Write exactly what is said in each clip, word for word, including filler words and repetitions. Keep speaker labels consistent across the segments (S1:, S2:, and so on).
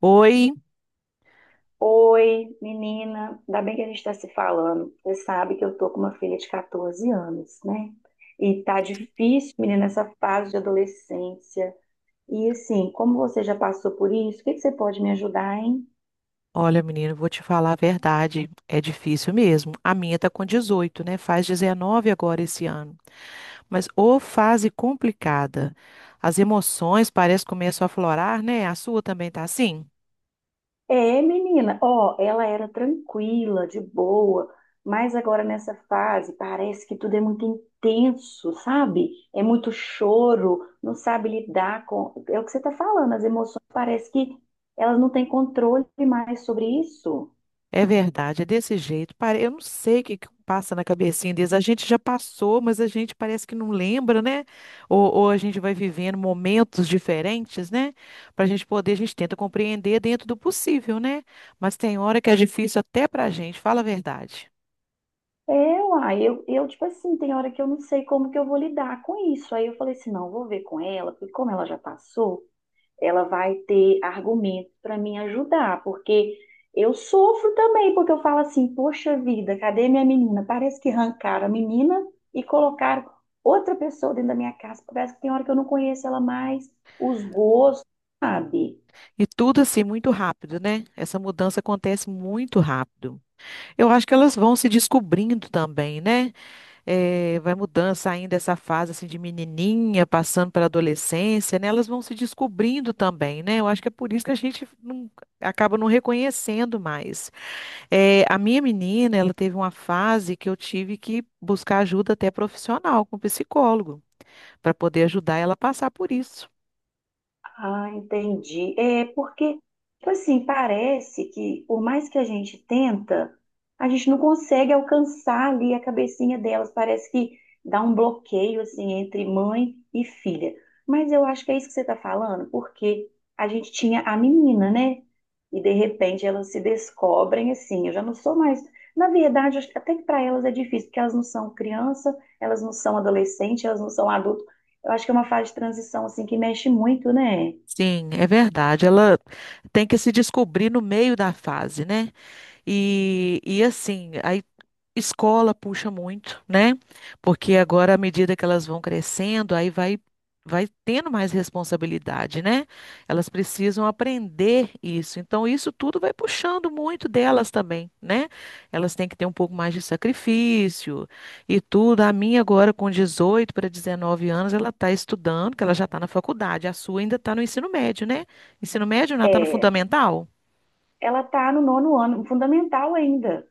S1: Oi,
S2: Oi, menina, ainda bem que a gente está se falando. Você sabe que eu tô com uma filha de quatorze anos, né? E tá difícil, menina, essa fase de adolescência. E assim, como você já passou por isso, o que que você pode me ajudar, hein?
S1: olha, menino, vou te falar a verdade. É difícil mesmo. A minha tá com dezoito, né? Faz dezenove agora esse ano. Mas ô fase complicada. As emoções parece que começam a aflorar, né? A sua também tá assim?
S2: É, menina, ó, ela era tranquila, de boa, mas agora nessa fase parece que tudo é muito intenso, sabe? É muito choro, não sabe lidar com. É o que você tá falando, as emoções parece que elas não têm controle mais sobre isso.
S1: É verdade, é desse jeito. Pare- Eu não sei o que que passa na cabecinha deles. A gente já passou, mas a gente parece que não lembra, né? Ou, ou a gente vai vivendo momentos diferentes, né? Para a gente poder, a gente tenta compreender dentro do possível, né? Mas tem hora que é difícil até para a gente, fala a verdade.
S2: É, uai, eu, eu, tipo assim, tem hora que eu não sei como que eu vou lidar com isso. Aí eu falei assim, não, vou ver com ela, porque como ela já passou. Ela vai ter argumentos para me ajudar, porque eu sofro também, porque eu falo assim, poxa vida, cadê minha menina? Parece que arrancaram a menina e colocaram outra pessoa dentro da minha casa, parece que tem hora que eu não conheço ela mais, os gostos, sabe?
S1: E tudo assim, muito rápido, né? Essa mudança acontece muito rápido. Eu acho que elas vão se descobrindo também, né? Eh, vai mudando, saindo dessa fase assim de menininha, passando pela adolescência, né? Elas vão se descobrindo também, né? Eu acho que é por isso que a gente não- acaba não reconhecendo mais. Eh, a minha menina, ela teve uma fase que eu tive que buscar ajuda até profissional, com psicólogo, para poder ajudar ela a passar por isso.
S2: Ah, entendi. É porque, tipo assim, parece que por mais que a gente tenta, a gente não consegue alcançar ali a cabecinha delas. Parece que dá um bloqueio assim entre mãe e filha. Mas eu acho que é isso que você está falando, porque a gente tinha a menina, né? E de repente elas se descobrem assim. Eu já não sou mais. Na verdade, acho que até que para elas é difícil, porque elas não são criança, elas não são adolescente, elas não são adulto. Eu acho que é uma fase de transição assim que mexe muito, né?
S1: Sim, é verdade. Ela tem que se descobrir no meio da fase, né? E, e assim, a Escola puxa muito, né? Porque agora, à medida que elas vão crescendo, aí vai, vai tendo mais responsabilidade, né? Elas precisam aprender isso. Então, isso tudo vai puxando muito delas também, né? Elas têm que ter um pouco mais de sacrifício e tudo. A minha agora, com dezoito para dezenove anos, ela está estudando, que ela já está na faculdade. A sua ainda está no ensino médio, né? Ensino médio, não, ela está no
S2: É,
S1: fundamental?
S2: ela está no nono ano, fundamental ainda,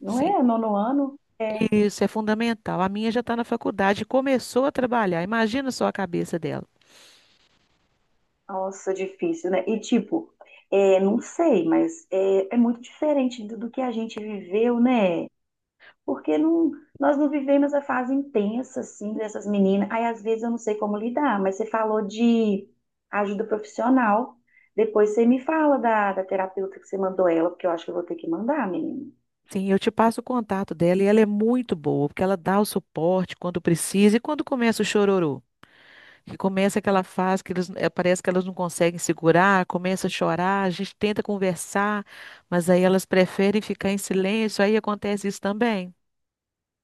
S2: não
S1: Sim.
S2: é? Nono ano? É,
S1: Isso é fundamental. A minha já está na faculdade, começou a trabalhar. Imagina só a cabeça dela.
S2: nossa, difícil, né? E tipo, é, não sei, mas é, é muito diferente do, do que a gente viveu, né? Porque não, nós não vivemos a fase intensa, assim, dessas meninas. Aí às vezes eu não sei como lidar, mas você falou de ajuda profissional. Depois você me fala da, da terapeuta que você mandou ela, porque eu acho que eu vou ter que mandar, menina.
S1: Sim, eu te passo o contato dela e ela é muito boa, porque ela dá o suporte quando precisa e quando começa o chororô, que começa aquela fase que eles, eh, parece que elas não conseguem segurar, começa a chorar, a gente tenta conversar, mas aí elas preferem ficar em silêncio, aí acontece isso também.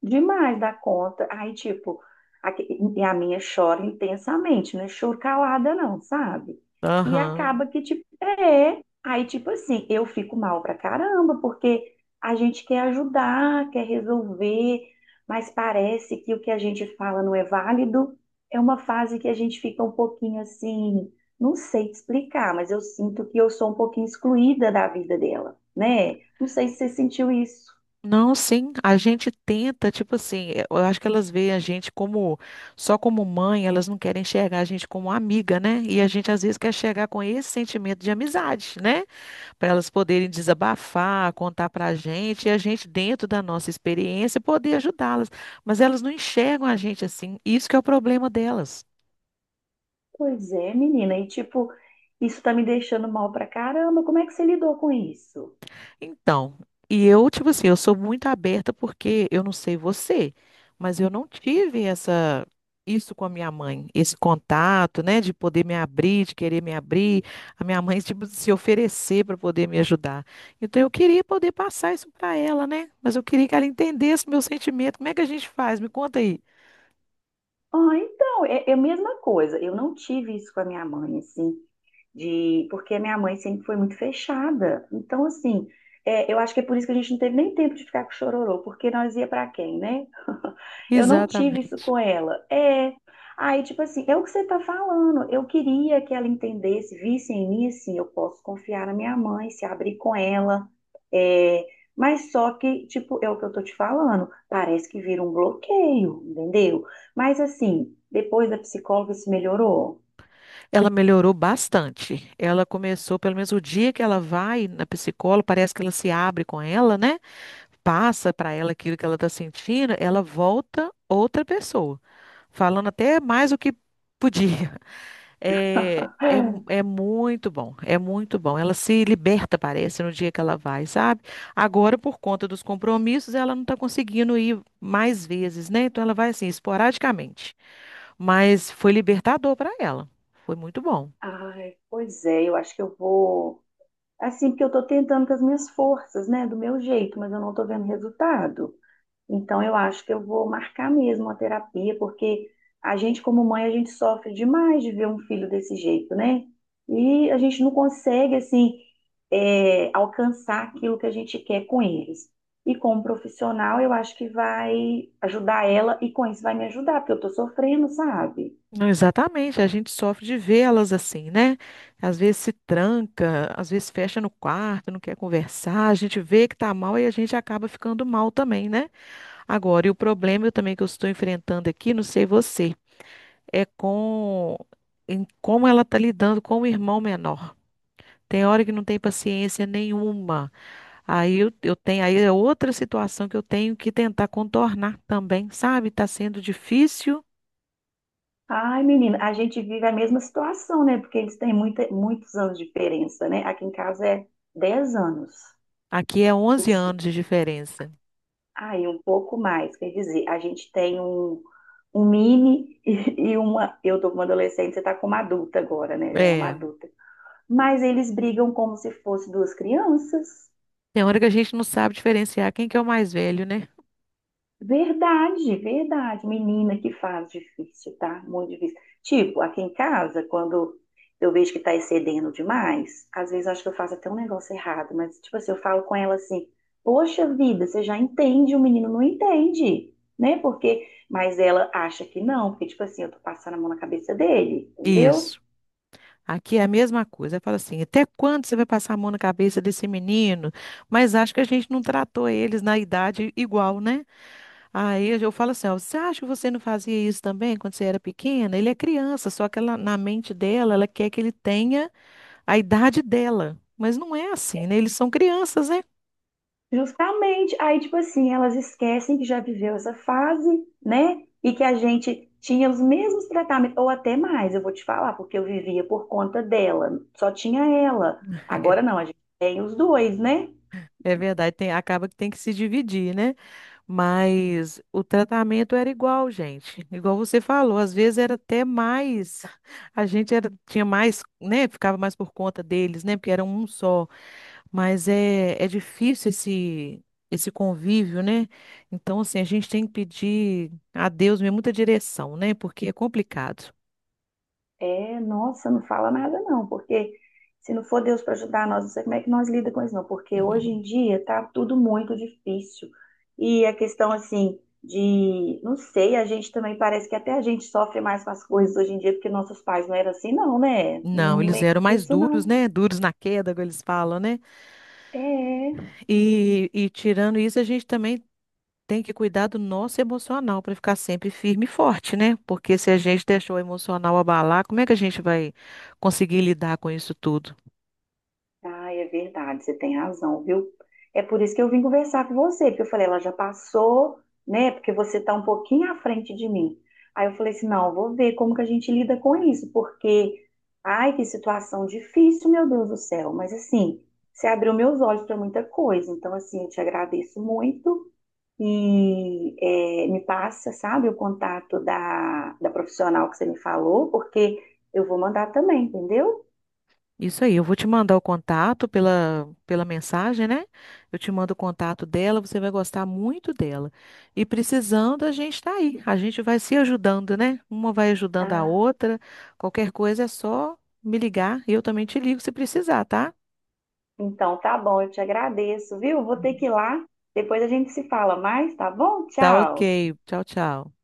S2: Demais da conta. Aí, tipo, a, e a minha chora intensamente, não é choro calada, não, sabe? E
S1: Aham.
S2: acaba que, tipo, é. Aí, tipo assim, eu fico mal pra caramba, porque a gente quer ajudar, quer resolver, mas parece que o que a gente fala não é válido. É uma fase que a gente fica um pouquinho assim, não sei te explicar, mas eu sinto que eu sou um pouquinho excluída da vida dela, né? Não sei se você sentiu isso.
S1: Não, sim, a gente tenta, tipo assim, eh, eu acho que elas veem a gente como, só como mãe, elas não querem enxergar a gente como amiga, né? E a gente às vezes quer chegar com esse sentimento de amizade, né? Para elas poderem desabafar, contar pra gente, e a gente, dentro da nossa experiência, poder ajudá-las. Mas elas não enxergam a gente assim, isso que é o problema delas.
S2: Pois é, menina, e tipo, isso tá me deixando mal pra caramba. Como é que você lidou com isso?
S1: Então, e eu, tipo assim, eu sou muito aberta porque eu não sei você, mas eu não tive essa isso com a minha mãe, esse contato, né, de poder me abrir, de querer me abrir, a minha mãe tipo se oferecer para poder me ajudar. Então eu queria poder passar isso para ela, né? Mas eu queria que ela entendesse meu sentimento. Como é que a gente faz? Me conta aí.
S2: Ah, então, é, é a mesma coisa. Eu não tive isso com a minha mãe, assim, de porque a minha mãe sempre foi muito fechada. Então, assim, é, eu acho que é por isso que a gente não teve nem tempo de ficar com o chororô, porque nós ia pra quem, né? Eu não tive isso
S1: Exatamente.
S2: com ela. É. Aí, tipo assim, é o que você tá falando. Eu queria que ela entendesse, visse em mim, assim, eu posso confiar na minha mãe, se abrir com ela. É, mas só que, tipo, é o que eu tô te falando. Parece que vira um bloqueio, entendeu? Mas assim, depois da psicóloga se melhorou?
S1: Ela melhorou bastante. Ela começou, pelo menos o dia que ela vai na psicóloga, parece que ela se abre com ela, né? Passa para ela aquilo que ela está sentindo, ela volta outra pessoa, falando até mais do que podia. É, é, é muito bom, é muito bom. Ela se liberta, parece, no dia que ela vai, sabe? Agora, por conta dos compromissos, ela não está conseguindo ir mais vezes, né? Então, ela vai assim, esporadicamente. Mas foi libertador para ela. Foi muito bom.
S2: Ai, pois é, eu acho que eu vou. Assim, porque eu tô tentando com as minhas forças, né? Do meu jeito, mas eu não tô vendo resultado. Então, eu acho que eu vou marcar mesmo a terapia, porque a gente, como mãe, a gente sofre demais de ver um filho desse jeito, né? E a gente não consegue, assim, é, alcançar aquilo que a gente quer com eles. E como profissional, eu acho que vai ajudar ela, e com isso vai me ajudar, porque eu tô sofrendo, sabe?
S1: Não, exatamente, a gente sofre de vê-las assim, né? Às vezes se tranca, às vezes fecha no quarto, não quer conversar, a gente vê que tá mal e a gente acaba ficando mal também, né? Agora, e o problema eu também que eu estou enfrentando aqui, não sei você, é com em como ela tá lidando com o irmão menor. Tem hora que não tem paciência nenhuma. Aí eu, eu tenho, aí é outra situação que eu tenho que tentar contornar também, sabe? Tá sendo difícil.
S2: Ai, menina, a gente vive a mesma situação, né? Porque eles têm muita, muitos anos de diferença, né? Aqui em casa é dez anos.
S1: Aqui é onze anos de diferença.
S2: Ah, e um pouco mais, quer dizer, a gente tem um, um mini e, e uma. Eu tô com uma adolescente, você tá com uma adulta agora, né? Já é uma
S1: É,
S2: adulta. Mas eles brigam como se fossem duas crianças.
S1: tem hora que a gente não sabe diferenciar quem que é o mais velho, né?
S2: Verdade, verdade. Menina, que fase difícil, tá? Muito difícil. Tipo, aqui em casa, quando eu vejo que tá excedendo demais, às vezes eu acho que eu faço até um negócio errado, mas, tipo assim, eu falo com ela assim: poxa vida, você já entende, o menino não entende, né? Porque, mas ela acha que não, porque, tipo assim, eu tô passando a mão na cabeça dele, entendeu?
S1: Isso. Aqui é a mesma coisa. Fala assim, até quando você vai passar a mão na cabeça desse menino? Mas acho que a gente não tratou eles na idade igual, né? Aí eu falo assim, ó, você acha que você não fazia isso também quando você era pequena? Ele é criança, só que ela, na mente dela, ela quer que ele tenha a idade dela. Mas não é assim, né? Eles são crianças, né?
S2: Justamente, aí tipo assim, elas esquecem que já viveu essa fase, né? E que a gente tinha os mesmos tratamentos, ou até mais, eu vou te falar, porque eu vivia por conta dela, só tinha ela. Agora não, a gente tem os dois, né?
S1: É verdade, tem, acaba que tem que se dividir, né? Mas o tratamento era igual, gente. Igual você falou, às vezes era até mais. A gente era, tinha mais, né? Ficava mais por conta deles, né? Porque era um só. Mas é, é difícil esse, esse convívio, né? Então, assim, a gente tem que pedir a Deus mesmo muita direção, né? Porque é complicado.
S2: É, nossa, não fala nada não, porque se não for Deus para ajudar nós, não sei como é que nós lida com isso não, porque hoje em dia tá tudo muito difícil. E a questão assim de, não sei, a gente também parece que até a gente sofre mais com as coisas hoje em dia, porque nossos pais não eram assim não, né?
S1: Não,
S2: Não
S1: eles
S2: lembro
S1: eram mais
S2: disso
S1: duros,
S2: não.
S1: né? Duros na queda, como eles falam, né?
S2: É.
S1: E, e tirando isso, a gente também tem que cuidar do nosso emocional para ficar sempre firme e forte, né? Porque se a gente deixou o emocional abalar, como é que a gente vai conseguir lidar com isso tudo?
S2: Ah, é verdade, você tem razão, viu? É por isso que eu vim conversar com você, porque eu falei, ela já passou, né? Porque você está um pouquinho à frente de mim. Aí eu falei assim, não, eu vou ver como que a gente lida com isso, porque, ai, que situação difícil, meu Deus do céu. Mas assim, você abriu meus olhos para muita coisa, então assim, eu te agradeço muito e é, me passa, sabe, o contato da, da profissional que você me falou, porque eu vou mandar também, entendeu?
S1: Isso aí, eu vou te mandar o contato pela, pela mensagem, né? Eu te mando o contato dela, você vai gostar muito dela. E precisando, a gente está aí. A gente vai se ajudando, né? Uma vai ajudando a
S2: Ah.
S1: outra. Qualquer coisa é só me ligar e eu também te ligo se precisar, tá?
S2: Então, tá bom, eu te agradeço, viu? Vou ter que ir lá. Depois a gente se fala mais, tá bom?
S1: Tá
S2: Tchau.
S1: ok. Tchau, tchau.